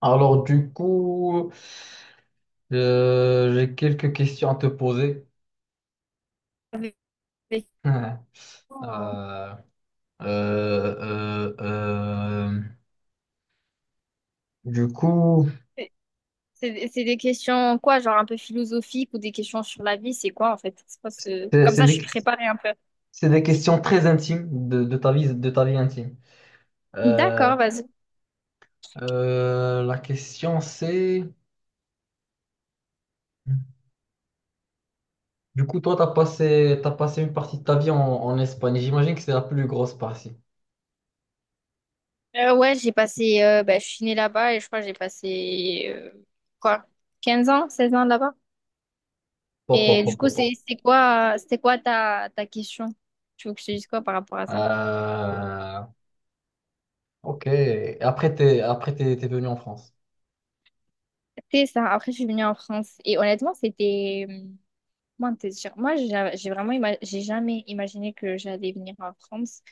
Alors du coup, j'ai quelques questions à te poser. avec- Oh. Euh, euh, euh, euh, du coup, C'est c'est des questions quoi, genre un peu philosophiques ou des questions sur la vie, c'est quoi en fait? C'est quoi c'est comme c'est ça, je suis des, préparée un peu. c'est des questions très intimes de ta vie intime. Euh, D'accord, vas-y. La question c'est, du coup, toi, t'as passé une partie de ta vie en Espagne. J'imagine que c'est la plus grosse partie. Ouais, j'ai passé, bah, je suis née là-bas et je crois que j'ai passé quoi, 15 ans, 16 ans là-bas. Pop, pop, Et du pop, coup, pop, c'est pop. c'est quoi, c'était quoi ta question? Tu veux que je te dise quoi par rapport à ça? Euh, ok. Et t'es venu en France. C'était ça. Après, je suis venue en France et honnêtement, c'était... Moi, te dire, moi, j'ai vraiment, j'ai jamais imaginé que j'allais venir en France.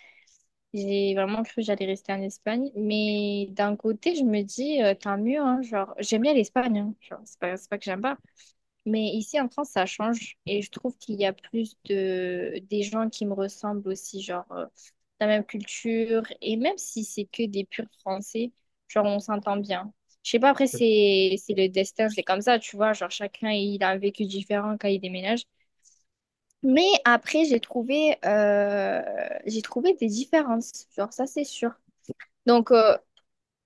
J'ai vraiment cru que j'allais rester en Espagne. Mais d'un côté, je me dis, tant mieux, hein, genre, j'aime bien l'Espagne, hein, genre, c'est pas que j'aime pas. Mais ici, en France, ça change. Et je trouve qu'il y a plus de, des gens qui me ressemblent aussi, genre, la même culture. Et même si c'est que des purs Français, genre, on s'entend bien. Je sais pas, après, c'est le destin, c'est comme ça, tu vois. Genre, chacun, il a un vécu différent quand il déménage. Mais après, j'ai trouvé des différences, genre ça c'est sûr. Donc,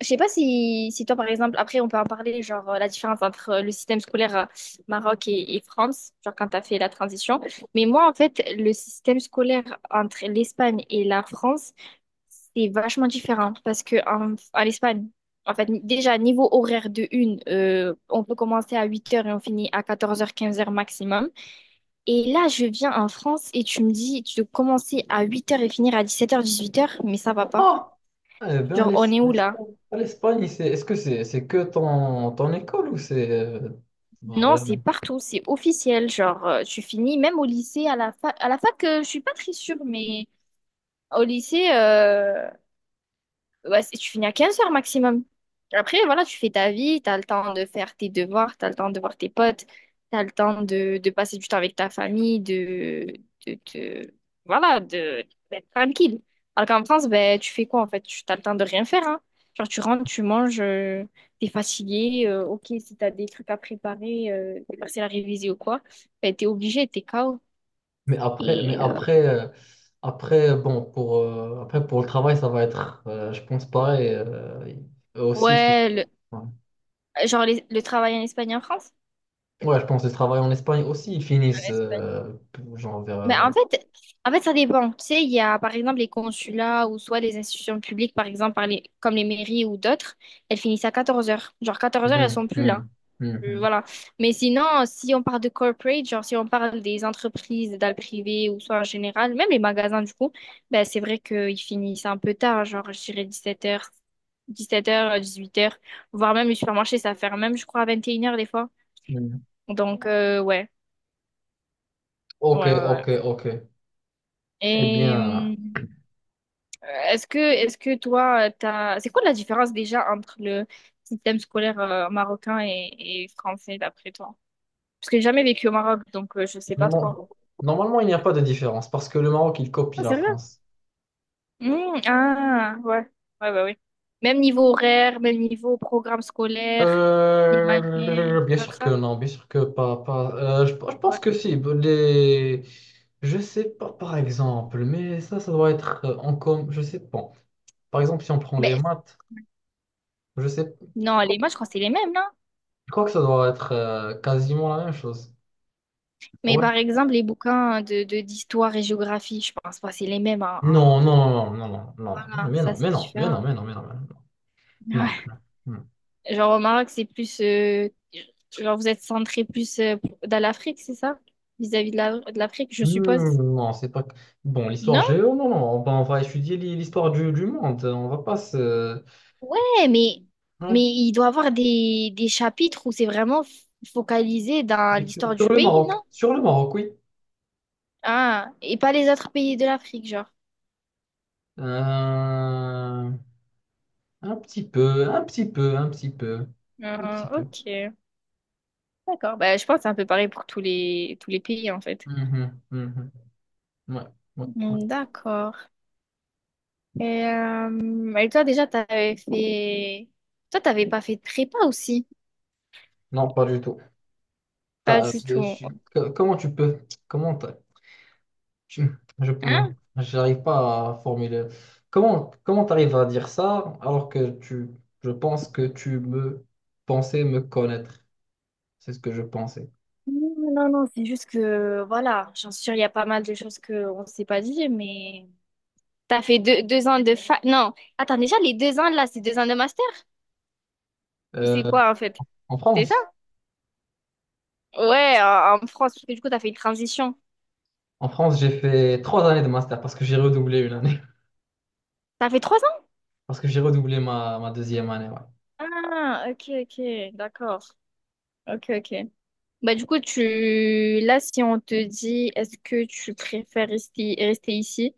je sais pas si, si toi par exemple, après on peut en parler, genre la différence entre le système scolaire Maroc et France, genre quand t'as fait la transition. Mais moi en fait, le système scolaire entre l'Espagne et la France, c'est vachement différent parce que en, en Espagne, en fait, déjà niveau horaire de une, on peut commencer à huit heures et on finit à quatorze heures quinze heures maximum. Et là, je viens en France et tu me dis, tu dois commencer à 8 heures et finir à 17 h, 18 heures, mais ça va pas. Ah! Eh bien, Genre, on est où là? l'Espagne, ah, l'Espagne, c'est, est-ce que c'est que ton école ou c'est Non, c'est vraiment? partout, c'est officiel. Genre, tu finis même au lycée, à la fac. À la fac, je suis pas très sûre, mais au lycée, ouais, tu finis à 15 heures maximum. Après, voilà, tu fais ta vie, t'as le temps de faire tes devoirs, t'as le temps de voir tes potes, t'as le temps de passer du temps avec ta famille, de, de- voilà, de, d'être tranquille. Alors qu'en France, ben, tu fais quoi en fait? Tu T'as le temps de rien faire, hein. Genre, tu rentres, tu manges, t'es fatigué, ok, si t'as des trucs à préparer, des parcelles à réviser ou quoi, ben, t'es obligé, t'es KO. Mais après, mais Et après, euh, après, pour le travail, ça va être, je pense, pareil. Eux aussi, ils finissent. ouais, Ouais. genre le travail en Espagne et en France? Ouais, je pense que le travail en Espagne aussi, ils finissent, genre vers. Mais en fait, ça dépend. Tu sais, il y a par exemple les consulats ou soit les institutions publiques, par exemple, par comme les mairies ou d'autres, elles finissent à 14 heures. Genre quatorze heures, elles Hum, sont plus là. Hum, hum, Voilà. Mais sinon, si on parle de corporate, genre si on parle des entreprises dans le privé ou soit en général, même les magasins du coup, ben, c'est vrai qu'ils finissent un peu tard, genre je dirais dix-sept heures dix-huit heures, voire même les supermarchés, ça ferme même, je crois, à vingt et une heures des fois. hum. Donc, ouais, Ok, ouais, ouais, ouais. ok, ok. Eh Et. bien, Est-ce que toi, t'as... c'est quoi la différence déjà entre le système scolaire marocain et français d'après toi? Parce que j'ai jamais vécu au Maroc, donc je sais pas non. trop. Normalement, il n'y a pas de différence parce que le Maroc, il copie Ah, la c'est vrai? France. Mmh, ah, ouais. Ouais, ouais, ouais. Même niveau horaire, même niveau programme scolaire, les manuels, tout Bien comme sûr que ça. non, bien sûr que pas. Je pense Ouais. que si. Les... Je sais pas, par exemple, mais ça doit être en com. Je sais pas. Par exemple, si on prend les Ben, maths, je sais. Je non, les crois, moi je crois que c'est les mêmes, non? je crois que ça doit être quasiment la même chose. Mais Ouais. par exemple, les bouquins d'histoire et géographie, je pense pas que c'est les mêmes. Hein, Non, hein. non, non, non, non, non, Voilà, mais ça non, c'est mais non, mais différent. non, mais non, mais non, mais non, non, non, non, Genre au Maroc, c'est plus... genre vous êtes centré plus dans l'Afrique, c'est ça? Vis-à-vis de l'Afrique, je suppose. Hmm, non, c'est pas. Bon, l'histoire Non? géo, non, non, ben, on va étudier l'histoire du monde. On va pas se. Ouais, mais, mais Ouais. il doit y avoir des chapitres où c'est vraiment focalisé Je dans vais Sur l'histoire du pays, non? sur le Maroc, oui. Ah, et pas les autres pays de l'Afrique, genre. Euh, un petit peu, un petit peu, un petit peu, un petit Ah, peu. ok, d'accord. Bah, je pense que c'est un peu pareil pour tous les pays, en fait. Mhm, mhm. Ouais, ouais, ouais. Hmm, d'accord. Et toi, déjà, t'avais fait... Toi, t'avais pas fait de prépa aussi? Non, pas du tout. Pas T'as- euh, du je tout. suis- Comment tu peux, comment t'as- tu- je, non, Hein. j'arrive pas à formuler. Comment t'arrives à dire ça alors que je pense que tu me pensais me connaître. C'est ce que je pensais. Non, non, non, c'est juste que, voilà, j'en suis sûre, il y a pas mal de choses qu'on ne s'est pas dit, mais... T'as fait deux ans de fac... Non, attends, déjà, les deux ans, là, c'est deux ans de master? Ou Euh, c'est quoi, en fait? en C'est ça? France, Ouais, en, en France, parce que du coup, t'as fait une transition. en France, j'ai fait 3 années de master parce que j'ai redoublé une année. T'as fait trois ans? Parce que j'ai redoublé ma deuxième année, ouais. Ah, ok, ok, d'accord. Ok, ok. Bah, du coup, tu... Là, si on te dit, est-ce que tu préfères rester ici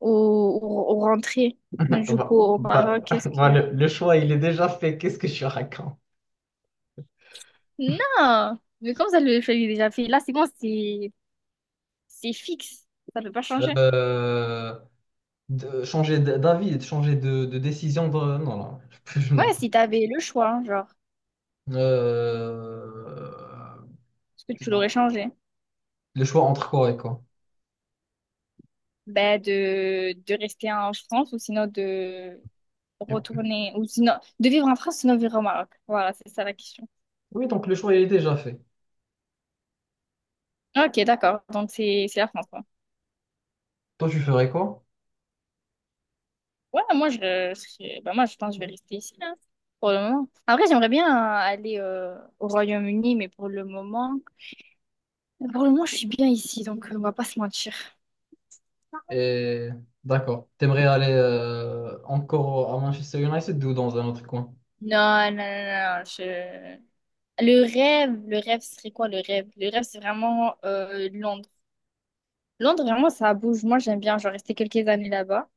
ou rentrer, Bah, du coup, au Maroc, bah, qu'est-ce bah, que... le choix, il est déjà fait. Qu'est-ce que je raconte? Non, mais comme ça, le choix, il est déjà fait. Là, c'est bon, c'est fixe. Ça peut pas changer. Euh, changer d'avis, de changer de décision. Non, non. Ouais, Non. si t'avais le choix, hein, genre, Euh, est-ce que tu l'aurais changé? le choix entre quoi et quoi? Ben, de rester en France ou sinon de Et- retourner, ou sinon de vivre en France, sinon vivre au Maroc. Voilà, c'est ça la question. Oui, donc le choix, il est déjà fait. Ok, d'accord. Donc, c'est la France, quoi. Toi, tu ferais quoi? Ouais, moi, ben, moi, je pense que je vais rester ici, hein, pour le moment. Après, j'aimerais bien aller au Royaume-Uni, mais pour le moment, je suis bien ici, donc on va pas se mentir. Et d'accord. T'aimerais aller encore à Manchester United ou dans un autre coin? Non, non, non, non, je... le rêve serait quoi le rêve? Le rêve, c'est vraiment Londres. Londres, vraiment, ça bouge. Moi, j'aime bien, genre, rester quelques années là-bas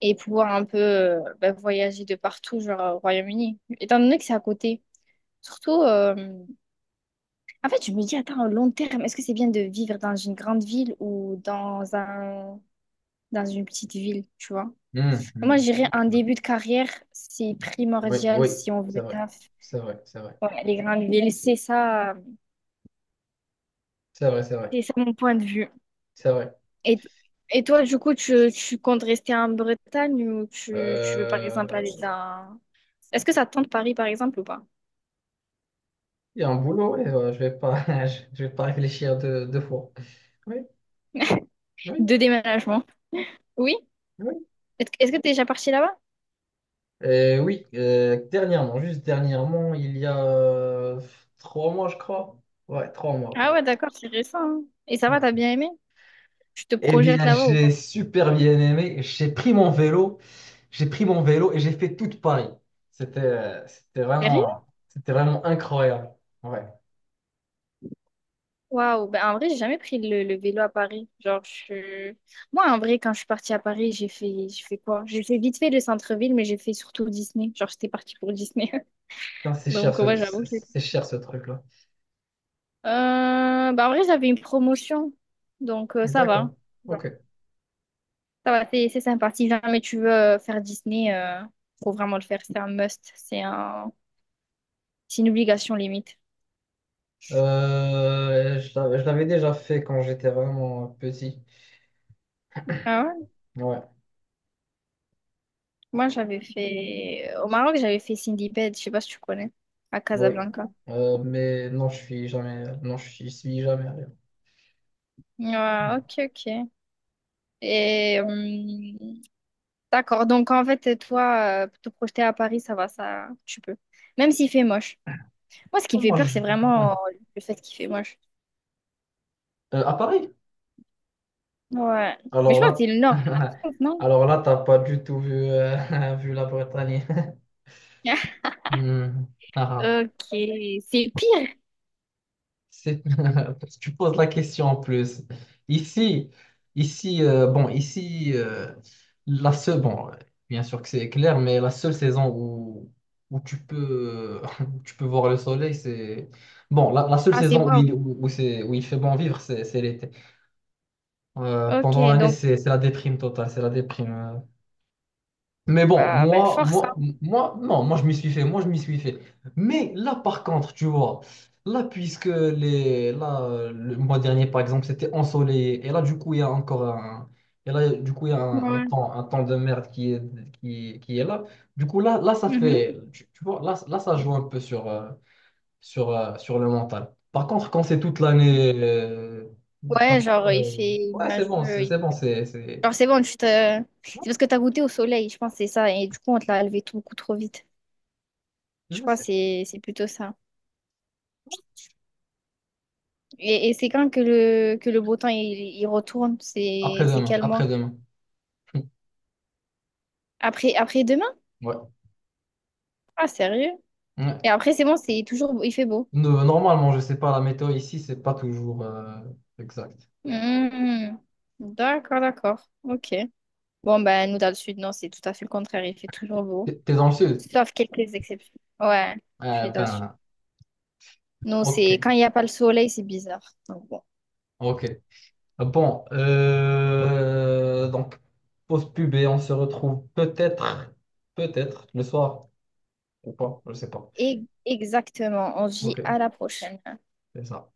et pouvoir un peu bah, voyager de partout, genre, au Royaume-Uni. Étant donné que c'est à côté. Surtout, en fait, je me dis, attends, au long terme, est-ce que c'est bien de vivre dans une grande ville ou dans un... dans une petite ville, tu vois? Hmm, Moi, hmm. je dirais un début de carrière, c'est Oui, primordial oui, si on c'est veut vrai. taf. C'est vrai, c'est vrai. Ouais, les grandes villes, c'est ça. C'est vrai, c'est vrai. C'est ça mon point de vue. C'est vrai. Et, et toi, du coup, tu comptes rester en Bretagne ou tu veux par exemple aller Euh, dans... Est-ce que ça te tente Paris par exemple ou pas? Il y a un boulot, ouais, je vais pas, je vais pas réfléchir deux fois. Oui, oui, De déménagement. Oui? oui. Est-ce que t'es déjà parti là-bas? Oui, dernièrement, juste dernièrement, il y a 3 mois, je crois. Ouais, 3 mois. Ah ouais, d'accord, c'est récent, hein. Et ça va, Ouais. t'as bien aimé? Tu te Eh projettes bien, là-bas ou j'ai pas? super bien aimé. J'ai pris mon vélo et j'ai fait toute Paris. C'était, euh, c'était Sérieux? vraiment, c'était vraiment incroyable. Ouais. Waouh, ben en vrai, j'ai jamais pris le vélo à Paris. Genre, je... Moi, en vrai, quand je suis partie à Paris, j'ai fait quoi? J'ai fait vite fait le centre-ville, mais j'ai fait surtout Disney. Genre, j'étais partie pour Disney. Putain, Donc, ouais, c'est j'avoue. c'est cher ce truc-là. Bah en vrai, j'avais une promotion, donc ça va. D'accord. Ouais. Ok. Ça va, c'est sympa. Si jamais tu veux faire Disney, faut vraiment le faire. C'est un must. C'est un... c'est une obligation limite. Je l'avais déjà fait quand j'étais vraiment petit. Ah ouais? Ouais, Moi, j'avais fait... Au Maroc, j'avais fait Cindy Bed, je sais pas si tu connais, à oui. Casablanca. Mais non, je suis jamais, non, je suis jamais allé. Ouais, ok, ok. Et d'accord, donc en fait, toi, te projeter à Paris, ça va, ça, tu peux. Même s'il fait moche. Moi, ce qui me fait Moi, peur, je- c'est ouais. vraiment le fait qu'il fait moche. À Paris? Ouais. Mais Alors je crois que c'est là, le nord de la France, non? alors là, t'as pas du tout vu la Bretagne. Hmm. Ah, ah. Ok, c'est pire. C'est- Parce que tu poses la question en plus. Ici, ici, la seule, bon, bien sûr que c'est clair, mais la seule saison où tu peux voir le soleil, la seule Ah, c'est saison wow. Où il fait bon vivre, c'est l'été. Ok, Pendant l'année, donc, c'est la déprime totale, c'est la déprime. Mais bon, ben, moi, force, moi, hein. moi, non, moi je m'y suis fait, moi je m'y suis fait. Mais là, par contre, tu vois, là, là, le mois dernier, par exemple, c'était ensoleillé, et là, du coup, il y a encore un, et là, du coup, il y a un Ouais. temps, de merde qui est là. Du coup, là, Mhm. Tu vois, là, ça joue un peu sur le mental. Par contre, quand c'est toute l'année, Ouais, comme ça, genre, il fait ouais, c'est bon, nuageux, il c'est bon, pleut. C'est, Genre, c'est bon, tu te... C'est parce que t'as goûté au soleil, je pense, que c'est ça. Et du coup, on te l'a levé tout, beaucoup trop vite. Je ouais, crois que c'est plutôt ça. Et c'est quand que que le beau temps, il retourne? C'est après-demain, quel mois? après-demain. Après, après demain? Ouais. Ah, sérieux? Ouais. Et après, c'est bon, c'est toujours... il fait beau. Normalement, je sais pas, la météo ici, c'est pas toujours exact. Mhm. D'accord, d'accord. Ok. Bon, ben, nous, dans le sud, non, c'est tout à fait le contraire. Il fait toujours beau. T'es dans le sud? Sauf quelques exceptions. Ouais, je Ah, suis dans le sud. ben, Non, c'est ok, quand il n'y a pas le soleil, c'est bizarre. Donc, bon. ok. Bon, donc, pause pub et on se retrouve peut-être le soir ou pas, je sais pas. Et exactement. On vit Ok, à la prochaine. c'est ça.